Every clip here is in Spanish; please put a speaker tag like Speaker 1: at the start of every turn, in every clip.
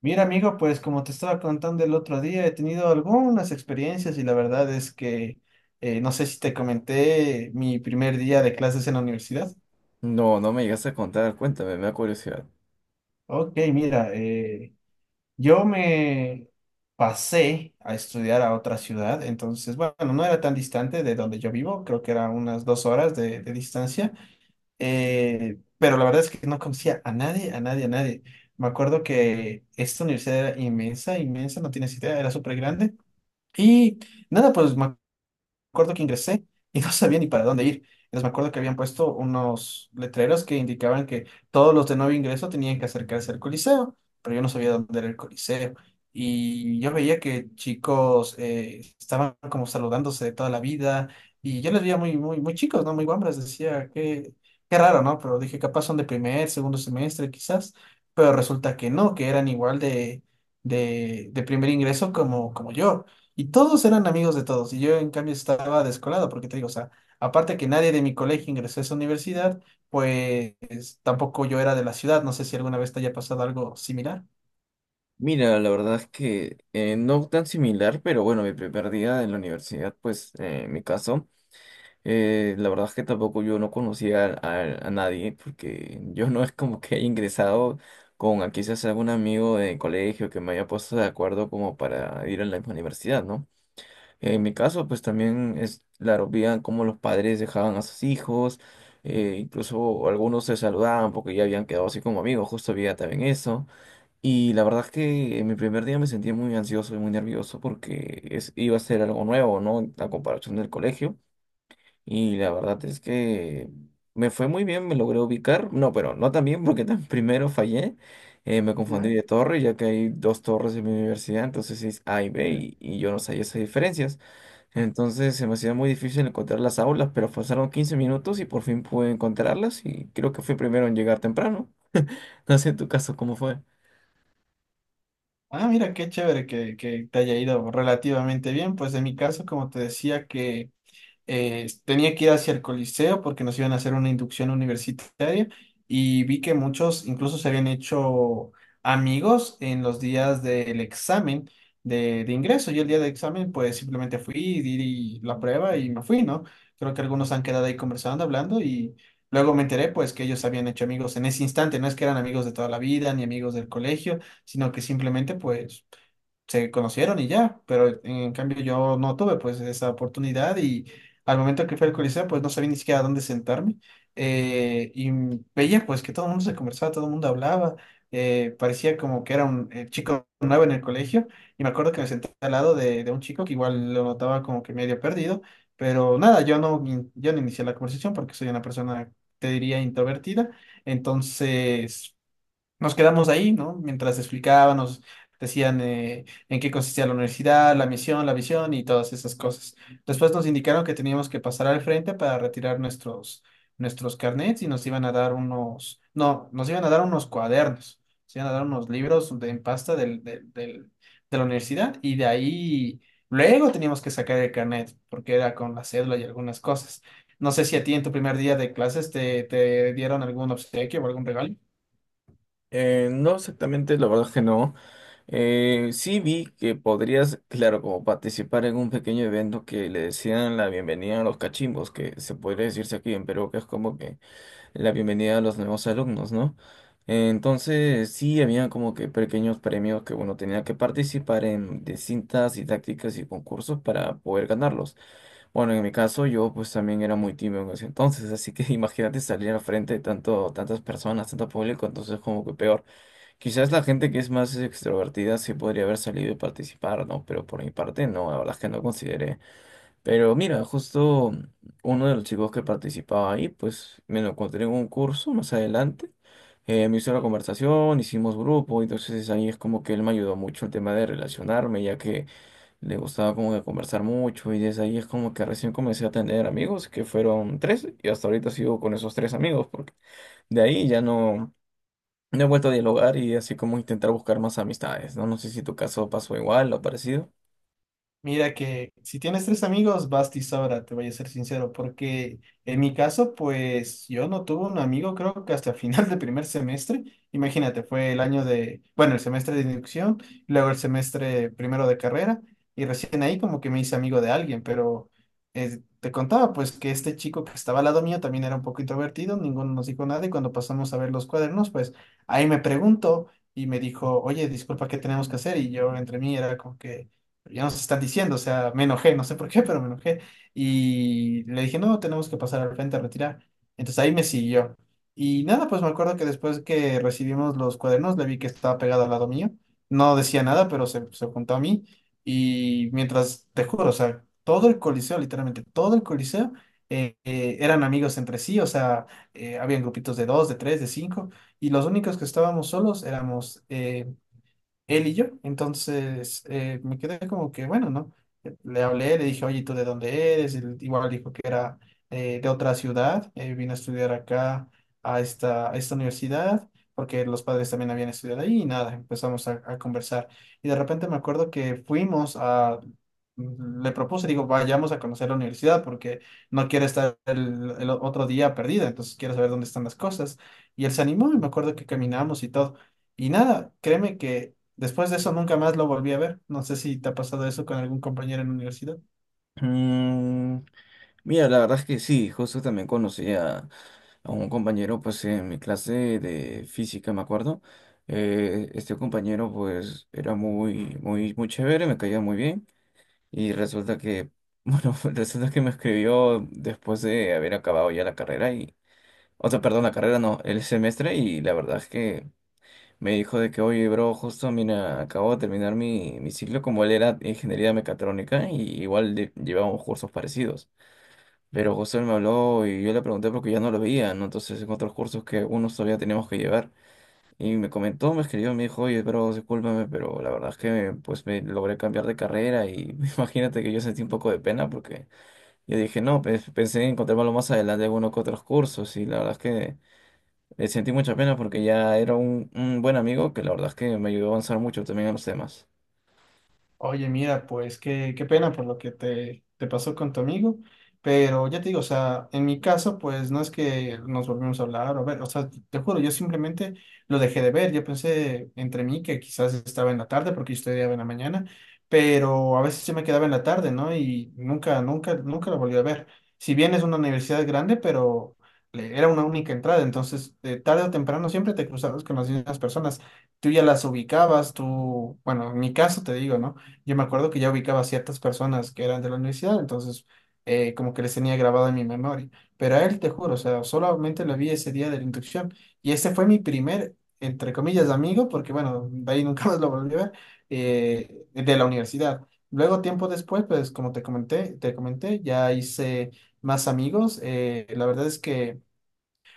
Speaker 1: Mira, amigo, pues como te estaba contando el otro día, he tenido algunas experiencias y la verdad es que no sé si te comenté mi primer día de clases en la universidad.
Speaker 2: No, no me llegaste a contar, cuéntame, me da curiosidad.
Speaker 1: Ok, mira, yo me pasé a estudiar a otra ciudad. Entonces, bueno, no era tan distante de donde yo vivo, creo que era unas 2 horas de distancia. Pero la verdad es que no conocía a nadie, a nadie, a nadie. Me acuerdo que esta universidad era inmensa, inmensa, no tienes idea, era súper grande. Y nada, pues me acuerdo que ingresé y no sabía ni para dónde ir. Entonces me acuerdo que habían puesto unos letreros que indicaban que todos los de nuevo ingreso tenían que acercarse al Coliseo, pero yo no sabía dónde era el Coliseo. Y yo veía que chicos estaban como saludándose de toda la vida, y yo les veía muy, muy, muy chicos, ¿no? Muy guambras. Decía, qué raro, ¿no? Pero dije, capaz son de primer, segundo semestre, quizás. Pero resulta que no, que eran igual de primer ingreso como yo. Y todos eran amigos de todos, y yo en cambio estaba descolado, porque te digo, o sea, aparte que nadie de mi colegio ingresó a esa universidad, pues tampoco yo era de la ciudad. No sé si alguna vez te haya pasado algo similar.
Speaker 2: Mira, la verdad es que no tan similar, pero bueno, mi primer día en la universidad, pues en mi caso, la verdad es que tampoco yo no conocía a nadie, porque yo no es como que haya ingresado con a quizás algún amigo de colegio que me haya puesto de acuerdo como para ir a la misma universidad, ¿no? En mi caso, pues también es, claro, veían cómo los padres dejaban a sus hijos, incluso algunos se saludaban porque ya habían quedado así como amigos, justo había también eso. Y la verdad es que en mi primer día me sentí muy ansioso y muy nervioso porque es, iba a ser algo nuevo, ¿no? La comparación del colegio. Y la verdad es que me fue muy bien, me logré ubicar. No, pero no tan bien porque tan primero fallé. Me confundí
Speaker 1: Ya,
Speaker 2: de torre, ya que hay dos torres en mi universidad, entonces es A y B,
Speaker 1: ok.
Speaker 2: y yo no sabía esas diferencias. Entonces se me hacía muy difícil encontrar las aulas, pero pasaron 15 minutos y por fin pude encontrarlas y creo que fui primero en llegar temprano. No sé en tu caso cómo fue.
Speaker 1: Ah, mira, qué chévere que te haya ido relativamente bien. Pues en mi caso, como te decía, que tenía que ir hacia el Coliseo porque nos iban a hacer una inducción universitaria. Y vi que muchos incluso se habían hecho amigos en los días del examen de ingreso. Yo el día del examen pues simplemente fui, di la prueba y me fui, ¿no? Creo que algunos han quedado ahí conversando, hablando, y luego me enteré pues que ellos se habían hecho amigos en ese instante. No es que eran amigos de toda la vida ni amigos del colegio, sino que simplemente pues se conocieron y ya. Pero en cambio yo no tuve pues esa oportunidad, y al momento que fui al Coliseo pues no sabía ni siquiera dónde sentarme. Y veía pues que todo el mundo se conversaba, todo el mundo hablaba. Parecía como que era un chico nuevo en el colegio. Y me acuerdo que me senté al lado de un chico que igual lo notaba como que medio perdido. Pero nada, yo no inicié la conversación porque soy una persona, te diría, introvertida, entonces. Nos quedamos ahí, ¿no? Mientras explicaban, nos decían en qué consistía la universidad, la misión, la visión y todas esas cosas. Después nos indicaron que teníamos que pasar al frente para retirar nuestros carnets, y nos iban a dar unos, no, nos iban a dar unos cuadernos, nos iban a dar unos libros de, en pasta del de la universidad. Y de ahí luego teníamos que sacar el carnet porque era con la cédula y algunas cosas. No sé si a ti en tu primer día de clases te dieron algún obsequio o algún regalo.
Speaker 2: No exactamente, la verdad es que no. Sí vi que podrías, claro, como participar en un pequeño evento que le decían la bienvenida a los cachimbos, que se podría decirse aquí en Perú, que es como que la bienvenida a los nuevos alumnos, ¿no? Entonces, sí, había como que pequeños premios que, bueno, tenía que participar en distintas didácticas y concursos para poder ganarlos. Bueno, en mi caso, yo pues también era muy tímido en ese entonces, así que imagínate salir al frente de tanto, tantas personas, tanto público, entonces como que peor. Quizás la gente que es más extrovertida sí podría haber salido y participar, ¿no? Pero por mi parte, no, la verdad es que no consideré. Pero mira, justo uno de los chicos que participaba ahí, pues me lo encontré en un curso más adelante. Me hizo la conversación, hicimos grupo, entonces ahí es como que él me ayudó mucho el tema de relacionarme, ya que le gustaba como que conversar mucho y desde ahí es como que recién comencé a tener amigos, que fueron tres, y hasta ahorita sigo con esos tres amigos, porque de ahí ya no, no he vuelto a dialogar y así como intentar buscar más amistades, ¿no? No sé si tu caso pasó igual o parecido.
Speaker 1: Mira que si tienes tres amigos, basta y sobra, te voy a ser sincero, porque en mi caso, pues yo no tuve un amigo, creo que hasta final de primer semestre. Imagínate, fue el año de, bueno, el semestre de inducción, luego el semestre primero de carrera, y recién ahí como que me hice amigo de alguien. Pero te contaba pues que este chico que estaba al lado mío también era un poco introvertido. Ninguno nos dijo nada, y cuando pasamos a ver los cuadernos, pues ahí me preguntó y me dijo, oye, disculpa, ¿qué tenemos que hacer? Y yo entre mí era como que ya nos están diciendo, o sea, me enojé, no sé por qué, pero me enojé. Y le dije, no, tenemos que pasar al frente a retirar. Entonces ahí me siguió. Y nada, pues me acuerdo que después que recibimos los cuadernos, le vi que estaba pegado al lado mío. No decía nada, pero se juntó a mí. Y mientras, te juro, o sea, todo el coliseo, literalmente todo el coliseo, eran amigos entre sí. O sea, habían grupitos de dos, de tres, de cinco, y los únicos que estábamos solos éramos él y yo. Entonces me quedé como que, bueno, ¿no? Le hablé, le dije, oye, ¿tú de dónde eres? Él igual dijo que era de otra ciudad. Vino a estudiar acá a esta universidad, porque los padres también habían estudiado ahí. Y nada, empezamos a conversar. Y de repente me acuerdo que fuimos a. Le propuse, digo, vayamos a conocer la universidad porque no quiero estar el otro día perdida, entonces quiero saber dónde están las cosas. Y él se animó, y me acuerdo que caminamos y todo. Y nada, créeme que después de eso nunca más lo volví a ver. No sé si te ha pasado eso con algún compañero en la universidad.
Speaker 2: Mm, mira, la verdad es que sí, justo también conocí a un compañero pues en mi clase de física, me acuerdo. Este compañero pues era muy, muy, muy chévere, me caía muy bien y resulta que, bueno, resulta que me escribió después de haber acabado ya la carrera y, o sea, perdón, la carrera no, el semestre, y la verdad es que me dijo de que, oye, bro, justo, mira, acabo de terminar mi, mi ciclo, como él era ingeniería mecatrónica y igual de- llevábamos cursos parecidos. Pero José me habló y yo le pregunté porque ya no lo veía, ¿no? Entonces, en otros cursos que unos todavía teníamos que llevar. Y me comentó, me escribió, me dijo, oye, pero discúlpame, pero la verdad es que pues me logré cambiar de carrera y imagínate que yo sentí un poco de pena porque yo dije, no, pues, pensé en encontrármelo más adelante en algunos que otros cursos y la verdad es que sentí mucha pena porque ya era un buen amigo que la verdad es que me ayudó a avanzar mucho también en los temas.
Speaker 1: Oye, mira, pues qué pena por lo que te pasó con tu amigo. Pero ya te digo, o sea, en mi caso, pues no es que nos volvimos a hablar o ver, o sea, te juro, yo simplemente lo dejé de ver. Yo pensé entre mí que quizás estaba en la tarde porque yo estudiaba en la mañana, pero a veces yo me quedaba en la tarde, ¿no? Y nunca, nunca, nunca lo volví a ver. Si bien es una universidad grande, pero era una única entrada. Entonces tarde o temprano siempre te cruzabas con las mismas personas, tú ya las ubicabas. Tú, bueno, en mi caso te digo, ¿no? Yo me acuerdo que ya ubicaba a ciertas personas que eran de la universidad, entonces como que les tenía grabado en mi memoria. Pero a él, te juro, o sea, solamente lo vi ese día de la inducción. Y ese fue mi primer, entre comillas, amigo, porque bueno, de ahí nunca más lo volví a ver, de la universidad. Luego, tiempo después, pues como te comenté, ya hice más amigos. La verdad es que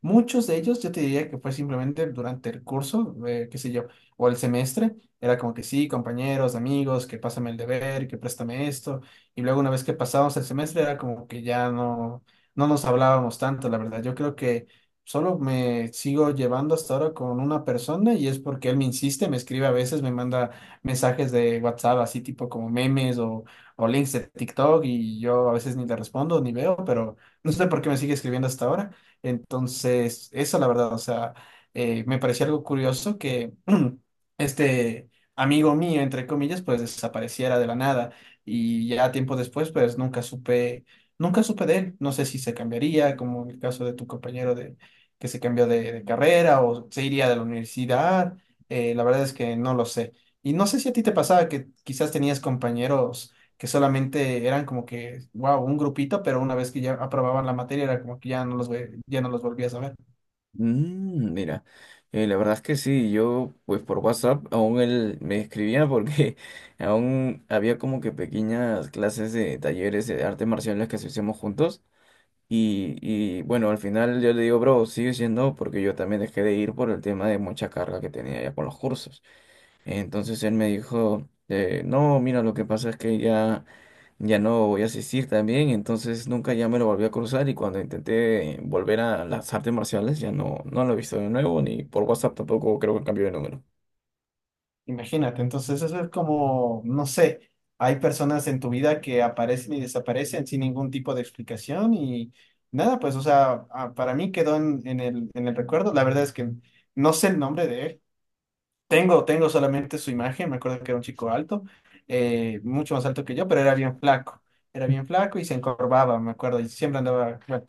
Speaker 1: muchos de ellos, yo te diría que fue simplemente durante el curso, qué sé yo, o el semestre. Era como que sí, compañeros, amigos, que pásame el deber, que préstame esto. Y luego una vez que pasábamos el semestre era como que ya no, no nos hablábamos tanto, la verdad. Yo creo que solo me sigo llevando hasta ahora con una persona, y es porque él me insiste, me escribe a veces, me manda mensajes de WhatsApp, así tipo como memes, o links de TikTok, y yo a veces ni le respondo ni veo, pero no sé por qué me sigue escribiendo hasta ahora. Entonces, eso la verdad, o sea, me pareció algo curioso que este amigo mío, entre comillas, pues desapareciera de la nada. Y ya tiempo después, pues nunca supe, nunca supe de él. No sé si se cambiaría, como en el caso de tu compañero de, que se cambió de carrera, o se iría de la universidad. La verdad es que no lo sé. Y no sé si a ti te pasaba que quizás tenías compañeros que solamente eran como que, wow, un grupito, pero una vez que ya aprobaban la materia era como que ya no los, ya no los volvías a ver.
Speaker 2: Mm, mira, la verdad es que sí, yo pues por WhatsApp aún él me escribía porque aún había como que pequeñas clases de talleres de artes marciales que sí hacíamos juntos y bueno, al final yo le digo, bro, sigue siendo porque yo también dejé de ir por el tema de mucha carga que tenía ya con los cursos. Entonces él me dijo, no, mira, lo que pasa es que ya no voy a asistir también, entonces nunca ya me lo volví a cruzar y cuando intenté volver a las artes marciales ya no, no lo he visto de nuevo, ni por WhatsApp tampoco creo que cambió de número.
Speaker 1: Imagínate, entonces eso es como, no sé, hay personas en tu vida que aparecen y desaparecen sin ningún tipo de explicación. Y nada, pues, o sea, ah, para mí quedó en el recuerdo. La verdad es que no sé el nombre de él. Tengo solamente su imagen. Me acuerdo que era un chico alto, mucho más alto que yo, pero era bien flaco. Era bien flaco y se encorvaba, me acuerdo, y siempre andaba, bueno,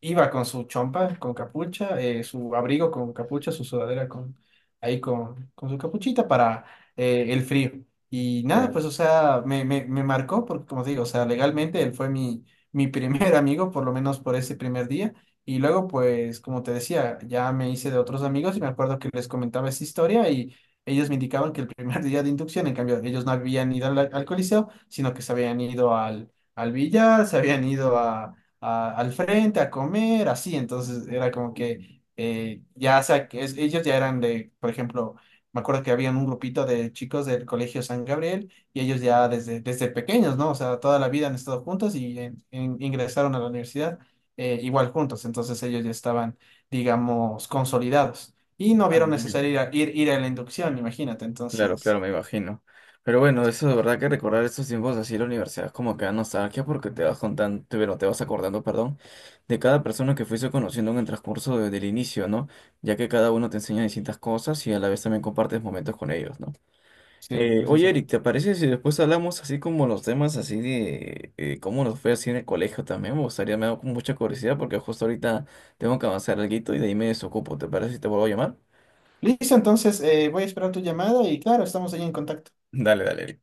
Speaker 1: iba con su chompa, con capucha, su abrigo con capucha, su sudadera con, ahí con su capuchita para el frío. Y nada, pues,
Speaker 2: Claro.
Speaker 1: o sea, me marcó porque, como te digo, o sea, legalmente él fue mi primer amigo, por lo menos por ese primer día. Y luego, pues, como te decía, ya me hice de otros amigos, y me acuerdo que les comentaba esa historia, y ellos me indicaban que el primer día de inducción, en cambio, ellos no habían ido al Coliseo, sino que se habían ido al billar, se habían ido al frente a comer, así. Entonces era como que ya, o sea, que ellos ya eran de, por ejemplo, me acuerdo que habían un grupito de chicos del Colegio San Gabriel, y ellos ya desde pequeños, ¿no? O sea, toda la vida han estado juntos, y ingresaron a la universidad igual juntos. Entonces ellos ya estaban, digamos, consolidados. Y no
Speaker 2: Ah,
Speaker 1: vieron
Speaker 2: mira.
Speaker 1: necesario ir a la inducción, imagínate.
Speaker 2: Claro, claro,
Speaker 1: Entonces,
Speaker 2: me imagino. Pero bueno,
Speaker 1: es-
Speaker 2: eso de verdad que recordar estos tiempos así en la universidad es como que da nostalgia porque te vas contando, te, bueno, te vas acordando, perdón, de cada persona que fuiste conociendo en el transcurso de- del inicio, ¿no? Ya que cada uno te enseña distintas cosas y a la vez también compartes momentos con ellos, ¿no?
Speaker 1: sí,
Speaker 2: Oye, Eric, ¿te
Speaker 1: precisamente.
Speaker 2: parece si después hablamos así como los temas así de cómo nos fue así en el colegio también? Me gustaría, me da con mucha curiosidad porque justo ahorita tengo que avanzar alguito y de ahí me desocupo. ¿Te parece si te vuelvo a llamar?
Speaker 1: Listo, entonces voy a esperar tu llamada, y claro, estamos ahí en contacto.
Speaker 2: Dale, dale, Eric.